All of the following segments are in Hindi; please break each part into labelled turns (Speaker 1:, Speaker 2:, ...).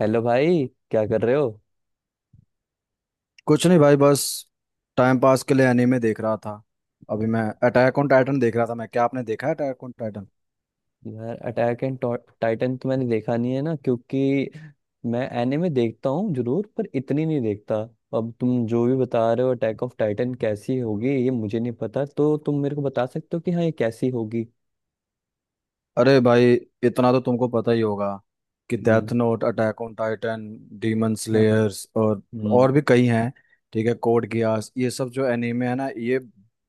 Speaker 1: हेलो भाई, क्या कर रहे हो?
Speaker 2: कुछ नहीं भाई, बस टाइम पास के लिए एनीमे देख रहा था। अभी मैं अटैक ऑन टाइटन देख रहा था। मैं, क्या आपने देखा है अटैक ऑन टाइटन?
Speaker 1: यार, अटैक एंड टाइटन तो मैंने देखा नहीं है ना, क्योंकि मैं एनिमे देखता हूँ जरूर पर इतनी नहीं देखता। अब तुम जो भी बता रहे हो, अटैक ऑफ टाइटन कैसी होगी ये मुझे नहीं पता, तो तुम मेरे को बता सकते हो कि हाँ, ये कैसी होगी।
Speaker 2: अरे भाई, इतना तो तुमको पता ही होगा कि
Speaker 1: हम्म।
Speaker 2: Death note, attack on Titan, demon
Speaker 1: हाँ।
Speaker 2: स्लेयर्स और
Speaker 1: हम्म।
Speaker 2: और भी कई हैं। ठीक है, कोड गियास, ये सब जो एनीमे है ना, ये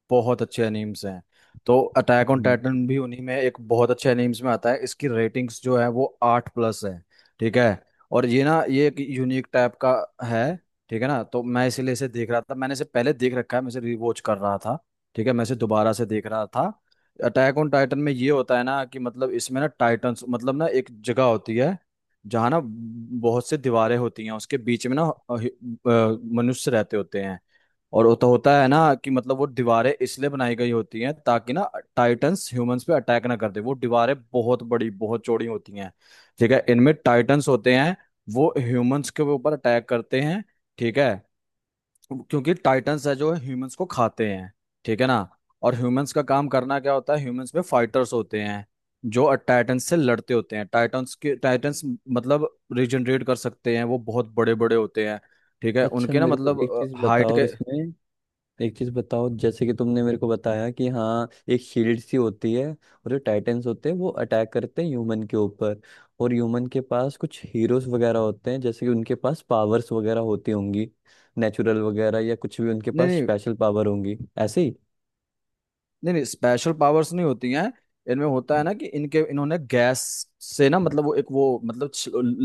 Speaker 2: बहुत अच्छे एनीम्स हैं। तो अटैक ऑन
Speaker 1: हम्म।
Speaker 2: टाइटन भी उन्हीं में एक बहुत अच्छे एनीम्स में आता है। इसकी रेटिंग्स जो है वो 8+ है। ठीक है, और ये ना, ये एक यूनिक टाइप का है। ठीक है ना, तो मैं इसीलिए इसे देख रहा था। मैंने इसे पहले देख रखा है, मैं इसे रिवॉच कर रहा था। ठीक है, मैं इसे दोबारा से देख रहा था। अटैक ऑन टाइटन में ये होता है ना कि मतलब इसमें ना टाइटन्स, मतलब ना एक जगह होती है जहाँ ना बहुत से दीवारें होती हैं। उसके बीच में ना अ, हि- मनुष्य रहते होते हैं। और होता होता है ना कि मतलब वो दीवारें इसलिए बनाई गई होती हैं ताकि ना टाइटन्स ह्यूमंस पे अटैक ना कर दे। वो दीवारें बहुत बड़ी, बहुत चौड़ी होती हैं। ठीक है, इनमें टाइटन्स होते हैं। वो ह्यूमंस के ऊपर अटैक करते हैं। ठीक है, क्योंकि टाइटंस है जो ह्यूमंस को खाते हैं। ठीक है ना, और ह्यूमंस का काम करना क्या होता है, ह्यूमंस में फाइटर्स होते हैं जो टाइटंस से लड़ते होते हैं। टाइटंस मतलब रिजनरेट कर सकते हैं। वो बहुत बड़े बड़े होते हैं। ठीक है,
Speaker 1: अच्छा,
Speaker 2: उनके ना,
Speaker 1: मेरे को
Speaker 2: मतलब
Speaker 1: एक चीज
Speaker 2: हाइट
Speaker 1: बताओ
Speaker 2: के।
Speaker 1: इसमें। एक चीज बताओ, जैसे कि तुमने मेरे को बताया कि हाँ, एक शील्ड सी होती है और जो टाइटेंस होते हैं वो अटैक करते हैं ह्यूमन के ऊपर, और ह्यूमन के पास कुछ हीरोज वगैरह होते हैं, जैसे कि उनके पास पावर्स वगैरह होती होंगी, नेचुरल वगैरह, या कुछ भी उनके
Speaker 2: नहीं
Speaker 1: पास
Speaker 2: नहीं,
Speaker 1: स्पेशल पावर होंगी ऐसे ही।
Speaker 2: नहीं नहीं, स्पेशल पावर्स नहीं होती हैं। इनमें होता है ना कि इनके, इन्होंने गैस से ना, मतलब वो एक, वो मतलब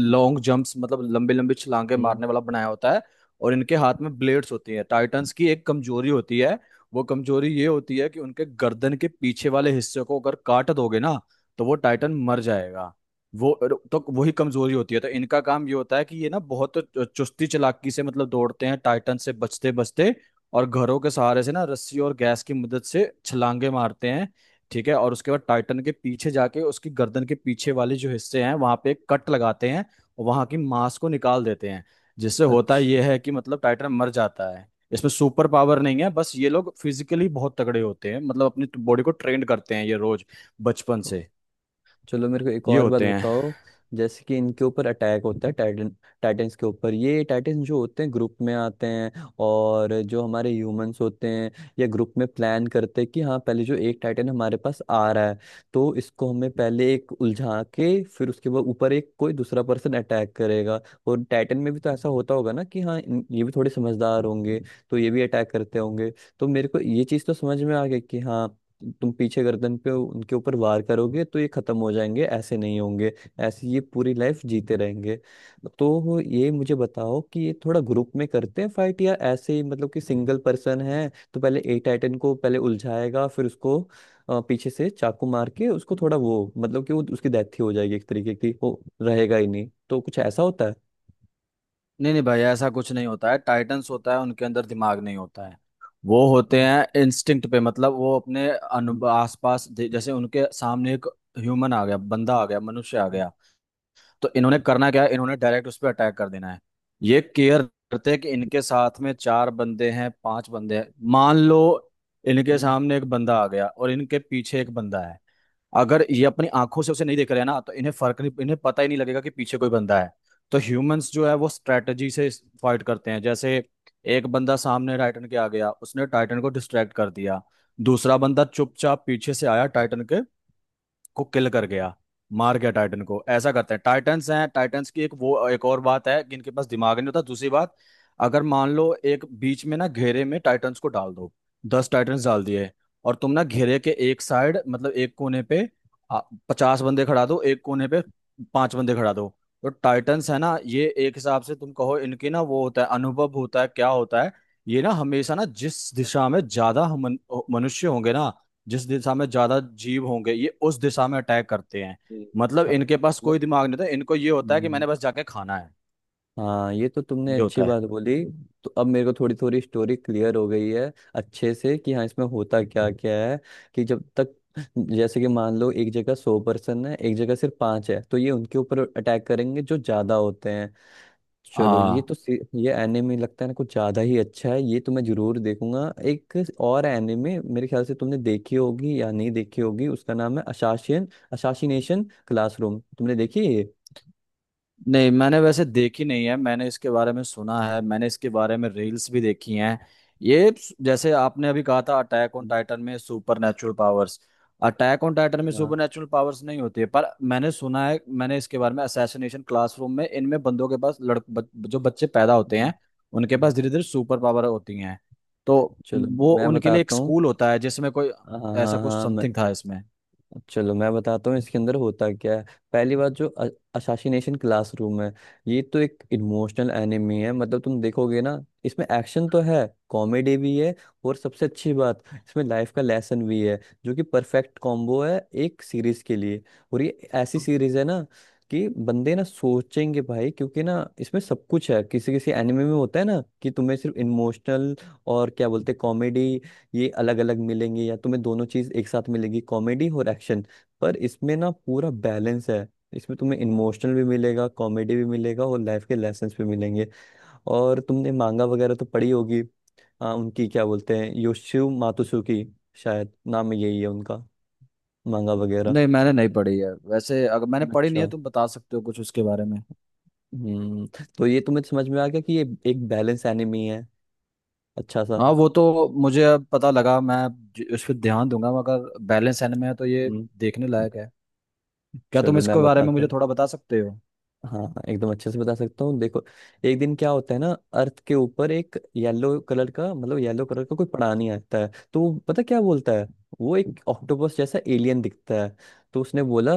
Speaker 1: हम्म।
Speaker 2: लॉन्ग जंप्स, मतलब लंबे लंबे छलांगे
Speaker 1: हम्म।
Speaker 2: मारने वाला बनाया होता है। और इनके हाथ में ब्लेड्स होती हैं। टाइटंस की एक कमजोरी होती है। वो कमजोरी ये होती है कि उनके गर्दन के पीछे वाले हिस्से को अगर काट दोगे ना, तो वो टाइटन मर जाएगा। वो तो वही कमजोरी होती है। तो इनका काम ये होता है कि ये ना बहुत चुस्ती चालाकी से, मतलब दौड़ते हैं, टाइटन से बचते बचते, और घरों के सहारे से ना, रस्सी और गैस की मदद से छलांगे मारते हैं। ठीक है, और उसके बाद टाइटन के पीछे जाके उसकी गर्दन के पीछे वाले जो हिस्से हैं वहां पे एक कट लगाते हैं और वहां की मांस को निकाल देते हैं। जिससे होता
Speaker 1: अच्छा,
Speaker 2: यह है कि मतलब टाइटन मर जाता है। इसमें सुपर पावर नहीं है, बस ये लोग फिजिकली बहुत तगड़े होते हैं। मतलब अपनी बॉडी को ट्रेंड करते हैं ये, रोज बचपन से
Speaker 1: चलो मेरे को एक
Speaker 2: ये
Speaker 1: और बात
Speaker 2: होते हैं।
Speaker 1: बताओ। जैसे कि इनके ऊपर अटैक होता है, टाइटन्स के ऊपर ये टाइटन्स जो होते हैं ग्रुप में आते हैं, और जो हमारे ह्यूमंस होते हैं ये ग्रुप में प्लान करते हैं कि हाँ, पहले जो एक टाइटन हमारे पास आ रहा है, तो इसको हमें पहले एक उलझा के फिर उसके बाद ऊपर एक कोई दूसरा पर्सन अटैक करेगा। और टाइटन में भी तो ऐसा होता होगा ना कि हाँ, ये भी थोड़े समझदार होंगे, तो ये भी अटैक करते होंगे। तो मेरे को ये चीज़ तो समझ में आ गई कि हाँ, तुम पीछे गर्दन पे उनके ऊपर वार करोगे तो ये खत्म हो जाएंगे, ऐसे नहीं होंगे ऐसे ये पूरी लाइफ जीते रहेंगे। तो ये मुझे बताओ कि ये थोड़ा ग्रुप में करते हैं फाइट, या ऐसे ही मतलब कि सिंगल पर्सन है तो पहले ए टाइटन को पहले उलझाएगा फिर उसको पीछे से चाकू मार के उसको थोड़ा वो, मतलब कि वो उसकी डेथ ही हो जाएगी एक तरीके की, वो रहेगा ही नहीं, तो कुछ ऐसा होता है?
Speaker 2: नहीं नहीं भाई, ऐसा कुछ नहीं होता है। टाइटंस होता है, उनके अंदर दिमाग नहीं होता है। वो होते
Speaker 1: हम्म।
Speaker 2: हैं इंस्टिंक्ट पे। मतलब वो अपने अनु
Speaker 1: हम्म।
Speaker 2: आसपास जैसे उनके सामने एक ह्यूमन आ गया, बंदा आ गया, मनुष्य आ
Speaker 1: हम्म।
Speaker 2: गया, तो इन्होंने करना क्या है, इन्होंने डायरेक्ट उस पर अटैक कर देना है। ये केयर करते हैं कि इनके साथ में चार बंदे हैं, पांच बंदे हैं, मान लो इनके
Speaker 1: हम्म।
Speaker 2: सामने एक बंदा आ गया और इनके पीछे एक बंदा है। अगर ये अपनी आंखों से उसे नहीं देख रहे हैं ना, तो इन्हें फर्क नहीं, इन्हें पता ही नहीं लगेगा कि पीछे कोई बंदा है। तो ह्यूमंस जो है वो स्ट्रेटजी से फाइट करते हैं। जैसे एक बंदा सामने टाइटन के आ गया, उसने टाइटन को डिस्ट्रैक्ट कर दिया, दूसरा बंदा चुपचाप पीछे से आया टाइटन के को किल कर गया, मार गया टाइटन को। ऐसा करते हैं। टाइटन्स हैं, टाइटन्स की एक वो, एक और बात है कि इनके पास दिमाग नहीं होता। दूसरी बात, अगर मान लो एक बीच में ना घेरे में टाइटन्स को डाल दो, 10 टाइटन्स डाल दिए, और तुम ना घेरे के एक साइड, मतलब एक कोने पे आ, 50 बंदे खड़ा दो, एक कोने पे पांच बंदे खड़ा दो, तो टाइटन्स है ना ये, एक हिसाब से तुम कहो इनके ना वो होता है, अनुभव होता है, क्या होता है, ये ना हमेशा ना जिस दिशा में ज्यादा मनुष्य होंगे ना, जिस दिशा में ज्यादा जीव होंगे, ये उस दिशा में अटैक करते हैं।
Speaker 1: जी।
Speaker 2: मतलब
Speaker 1: अच्छा।
Speaker 2: इनके पास कोई दिमाग नहीं होता। इनको ये होता है कि
Speaker 1: हम्म।
Speaker 2: मैंने बस जाके खाना है।
Speaker 1: हाँ, ये तो तुमने
Speaker 2: ये
Speaker 1: अच्छी
Speaker 2: होता है।
Speaker 1: बात बोली। तो अब मेरे को थोड़ी थोड़ी स्टोरी क्लियर हो गई है अच्छे से कि हाँ, इसमें होता क्या क्या है। कि जब तक, जैसे कि मान लो एक जगह 100 पर्सन है, एक जगह सिर्फ पांच है, तो ये उनके ऊपर अटैक करेंगे जो ज्यादा होते हैं। चलो ये
Speaker 2: हाँ,
Speaker 1: तो सी- ये एनिमे लगता है ना कुछ ज्यादा ही अच्छा है, ये तो मैं जरूर देखूंगा। एक और एनिमे मेरे ख्याल से तुमने देखी होगी या नहीं देखी होगी, उसका नाम है असासिनेशन क्लासरूम। तुमने देखी है ये?
Speaker 2: नहीं, मैंने वैसे देखी नहीं है, मैंने इसके बारे में सुना है, मैंने इसके बारे में रील्स भी देखी हैं। जैसे आपने अभी कहा था अटैक ऑन
Speaker 1: हम्म।
Speaker 2: टाइटन में super natural powers, Attack on Titan में
Speaker 1: हम्म।
Speaker 2: सुपर
Speaker 1: हाँ।
Speaker 2: नेचुरल पावर्स नहीं होती है। पर मैंने सुना है, मैंने इसके बारे में असैसिनेशन क्लासरूम में इनमें बंदों के पास जो बच्चे पैदा होते हैं उनके
Speaker 1: हम्म।
Speaker 2: पास धीरे धीरे सुपर पावर होती हैं। तो
Speaker 1: चलो
Speaker 2: वो
Speaker 1: मैं
Speaker 2: उनके लिए एक
Speaker 1: बताता हूँ।
Speaker 2: स्कूल होता है जिसमें कोई
Speaker 1: हाँ हाँ
Speaker 2: ऐसा
Speaker 1: हाँ,
Speaker 2: कुछ
Speaker 1: हाँ, मैं
Speaker 2: समथिंग था इसमें।
Speaker 1: चलो मैं बताता हूँ इसके अंदर होता क्या है। पहली बात, जो असासिनेशन क्लासरूम है, ये तो एक इमोशनल एनिमी है। मतलब तुम देखोगे ना, इसमें एक्शन तो है, कॉमेडी भी है, और सबसे अच्छी बात, इसमें लाइफ का लेसन भी है, जो कि परफेक्ट कॉम्बो है एक सीरीज के लिए। और ये ऐसी सीरीज है ना कि बंदे ना सोचेंगे भाई, क्योंकि ना, इसमें सब कुछ है। किसी किसी एनिमे में होता है ना कि तुम्हें सिर्फ इमोशनल और क्या बोलते कॉमेडी, ये अलग अलग मिलेंगे, या तुम्हें दोनों चीज एक साथ मिलेगी, कॉमेडी और एक्शन, पर इसमें ना पूरा बैलेंस है। इसमें तुम्हें इमोशनल भी मिलेगा, कॉमेडी भी मिलेगा, और लाइफ के लेसन्स भी मिलेंगे। और तुमने मांगा वगैरह तो पढ़ी होगी, उनकी क्या बोलते हैं, योशियो मातसुकी, शायद नाम यही है उनका, मांगा वगैरह।
Speaker 2: नहीं, मैंने नहीं पढ़ी है वैसे। अगर मैंने पढ़ी नहीं है,
Speaker 1: अच्छा।
Speaker 2: तुम बता सकते हो कुछ उसके बारे में?
Speaker 1: हम्म। तो ये तुम्हें समझ में आ गया कि ये एक बैलेंस एनिमी है, अच्छा सा।
Speaker 2: हाँ, वो तो मुझे अब पता लगा। मैं इस पर ध्यान दूंगा। मगर बैलेंस एनमे में है तो ये
Speaker 1: हम्म।
Speaker 2: देखने लायक है। क्या तुम
Speaker 1: चलो मैं
Speaker 2: इसके बारे में
Speaker 1: बताता
Speaker 2: मुझे
Speaker 1: हूँ।
Speaker 2: थोड़ा बता सकते हो?
Speaker 1: हाँ हाँ, एकदम अच्छे से बता सकता हूँ। देखो, एक दिन क्या होता है ना, अर्थ के ऊपर एक येलो कलर का, मतलब येलो कलर का कोई प्राणी आता है, तो वो पता क्या बोलता है। वो एक ऑक्टोपस जैसा एलियन दिखता है। तो उसने बोला,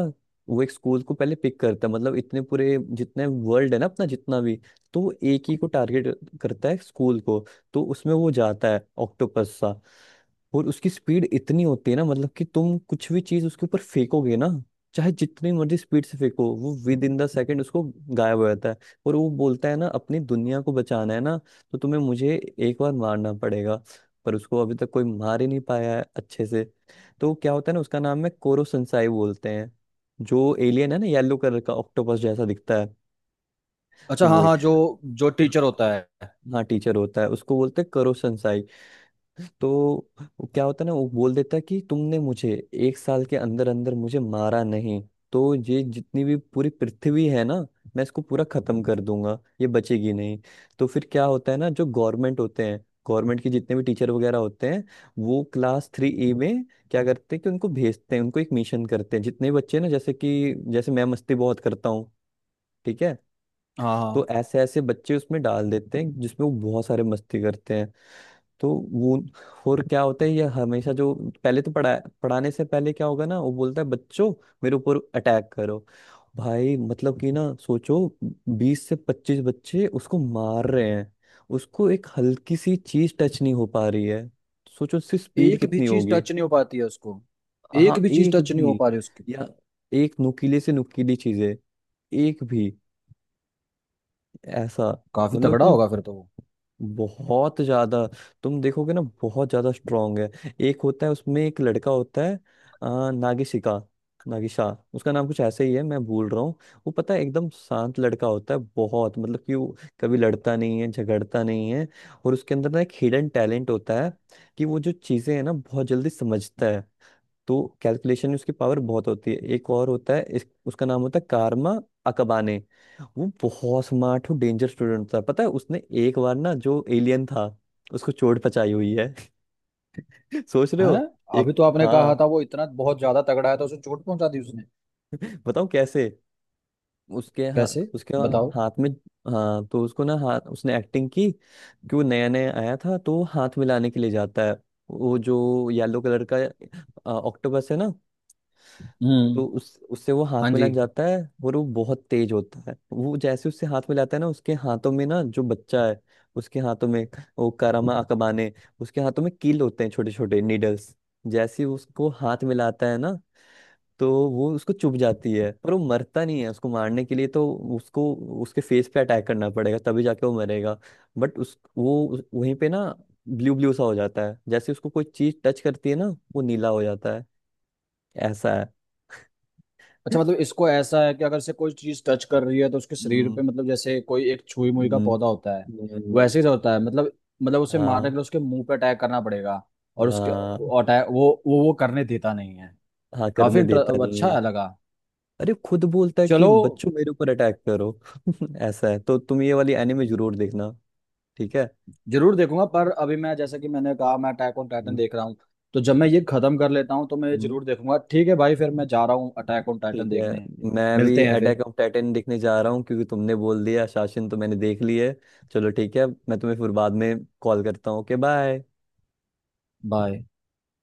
Speaker 1: वो एक स्कूल को पहले पिक करता है, मतलब इतने पूरे जितने वर्ल्ड है ना अपना जितना भी, तो वो एक ही को टारगेट करता है, स्कूल को। तो उसमें वो जाता है ऑक्टोपस सा, और उसकी स्पीड इतनी होती है ना, मतलब कि तुम कुछ भी चीज उसके ऊपर फेंकोगे ना, चाहे जितनी मर्जी स्पीड से फेंको, वो विद इन द सेकेंड उसको गायब हो जाता है। और वो बोलता है ना, अपनी दुनिया को बचाना है ना, तो तुम्हें मुझे एक बार मारना पड़ेगा। पर उसको अभी तक कोई मार ही नहीं पाया है अच्छे से। तो क्या होता है ना, उसका नाम है कोरो संसाई बोलते हैं, जो एलियन है ना, येलो कलर का ऑक्टोपस जैसा दिखता है।
Speaker 2: अच्छा,
Speaker 1: तो
Speaker 2: हाँ
Speaker 1: वो,
Speaker 2: हाँ, जो जो टीचर होता है।
Speaker 1: हाँ टीचर होता है, उसको बोलते हैं करो। तो वो क्या होता है ना, वो बोल देता है कि तुमने मुझे एक साल के अंदर अंदर मुझे मारा नहीं, तो ये जितनी भी पूरी पृथ्वी है ना, मैं इसको पूरा खत्म कर दूंगा, ये बचेगी नहीं। तो फिर क्या होता है ना, जो गवर्नमेंट होते हैं, गवर्नमेंट के जितने भी टीचर वगैरह होते हैं, वो क्लास 3 ई में क्या करते हैं कि उनको भेजते हैं, उनको एक मिशन करते हैं। जितने बच्चे ना, जैसे कि जैसे मैं मस्ती बहुत करता हूँ, ठीक है,
Speaker 2: हाँ
Speaker 1: तो
Speaker 2: हाँ,
Speaker 1: ऐसे ऐसे बच्चे उसमें डाल देते हैं, जिसमें वो बहुत सारे मस्ती करते हैं। तो वो, और क्या होता है, ये हमेशा जो पहले तो पढ़ाने से पहले क्या होगा ना, वो बोलता है, बच्चों मेरे ऊपर अटैक करो। भाई मतलब कि ना सोचो, 20 से 25 बच्चे उसको मार रहे हैं, उसको एक हल्की सी चीज टच नहीं हो पा रही है। सोचो उसकी स्पीड
Speaker 2: एक भी
Speaker 1: कितनी
Speaker 2: चीज
Speaker 1: होगी।
Speaker 2: टच नहीं हो पाती है उसको। एक
Speaker 1: हाँ,
Speaker 2: भी चीज
Speaker 1: एक
Speaker 2: टच नहीं हो
Speaker 1: भी।
Speaker 2: पा रही उसकी।
Speaker 1: या एक नुकीले से नुकीली चीजें, एक भी, ऐसा,
Speaker 2: काफी
Speaker 1: मतलब
Speaker 2: तगड़ा होगा फिर तो वो
Speaker 1: बहुत ज्यादा तुम देखोगे ना बहुत ज्यादा स्ट्रांग है। एक होता है उसमें, एक लड़का होता है, नागिशिका नागिशा, उसका नाम कुछ ऐसे ही है, मैं भूल रहा हूँ। वो पता है एकदम शांत लड़का होता है, बहुत, मतलब कि वो कभी लड़ता नहीं है, झगड़ता नहीं है। और उसके अंदर ना एक हिडन टैलेंट होता है कि वो जो चीजें हैं ना बहुत जल्दी समझता है, तो कैलकुलेशन में उसकी पावर बहुत होती है। एक और होता है, उसका नाम होता है कारमा अकबाने। वो बहुत स्मार्ट और डेंजर स्टूडेंट था। पता है, उसने एक बार ना, जो एलियन था उसको चोट पचाई हुई है। सोच रहे
Speaker 2: है।
Speaker 1: हो? एक,
Speaker 2: अभी तो आपने कहा
Speaker 1: हाँ।
Speaker 2: था वो इतना बहुत ज्यादा तगड़ा है, तो उसे चोट पहुंचा दी उसने?
Speaker 1: बताओ कैसे। उसके, हाँ,
Speaker 2: कैसे?
Speaker 1: उसके
Speaker 2: बताओ।
Speaker 1: हाथ में। हाँ, तो उसको ना, हाथ, उसने एक्टिंग की कि वो नया नया आया था तो वो हाथ मिलाने के लिए जाता है। वो जो येलो कलर का ऑक्टोपस है ना,
Speaker 2: हम्म।
Speaker 1: तो उस उससे वो हाथ
Speaker 2: हाँ
Speaker 1: मिला
Speaker 2: जी।
Speaker 1: जाता है। और वो बहुत तेज होता है, वो जैसे उससे हाथ मिलाता है ना, उसके हाथों में ना, जो बच्चा है उसके हाथों में, वो कारामा अकबाने, उसके हाथों में कील होते हैं, छोटे छोटे नीडल्स। जैसे ही उसको हाथ मिलाता है ना, तो वो उसको चुभ जाती है, पर वो मरता नहीं है। उसको मारने के लिए तो उसको उसके फेस पे अटैक करना पड़ेगा, तभी जाके वो मरेगा। बट उस वो वहीं पे ना ब्लू ब्लू सा हो जाता है, जैसे उसको कोई चीज टच करती है ना, वो नीला हो जाता है, ऐसा है।
Speaker 2: अच्छा, मतलब इसको ऐसा है कि अगर से कोई चीज टच कर रही है तो उसके शरीर
Speaker 1: हम्म।
Speaker 2: पे, मतलब जैसे कोई एक छुई मुई का
Speaker 1: न-
Speaker 2: पौधा होता है
Speaker 1: नहीं।
Speaker 2: वैसे ही होता है। मतलब, मतलब उसे मारने
Speaker 1: हाँ।
Speaker 2: के लिए उसके मुंह पे अटैक करना पड़ेगा। और उसके
Speaker 1: हाँ,
Speaker 2: अटैक, वो करने देता नहीं है।
Speaker 1: हाँ,
Speaker 2: काफी
Speaker 1: करने देता नहीं है।
Speaker 2: अच्छा लगा।
Speaker 1: अरे, खुद बोलता है कि
Speaker 2: चलो,
Speaker 1: बच्चों मेरे ऊपर अटैक करो। ऐसा है, तो तुम ये वाली एनिमे जरूर देखना, ठीक है?
Speaker 2: जरूर देखूंगा। पर अभी मैं, जैसा कि मैंने कहा, मैं अटैक ऑन टाइटन
Speaker 1: हम्म।
Speaker 2: देख रहा हूँ। तो जब मैं ये खत्म कर लेता हूँ, तो मैं ये
Speaker 1: हम्म।
Speaker 2: जरूर देखूंगा। ठीक है भाई, फिर मैं जा रहा हूँ अटैक ऑन टाइटन
Speaker 1: ठीक है।
Speaker 2: देखने।
Speaker 1: मैं भी
Speaker 2: मिलते हैं फिर।
Speaker 1: अटैक ऑफ टाइटन देखने जा रहा हूँ, क्योंकि तुमने बोल दिया। शासन तो मैंने देख ली है। चलो ठीक है, मैं तुम्हें फिर बाद में कॉल करता हूँ। Okay, bye.
Speaker 2: बाय।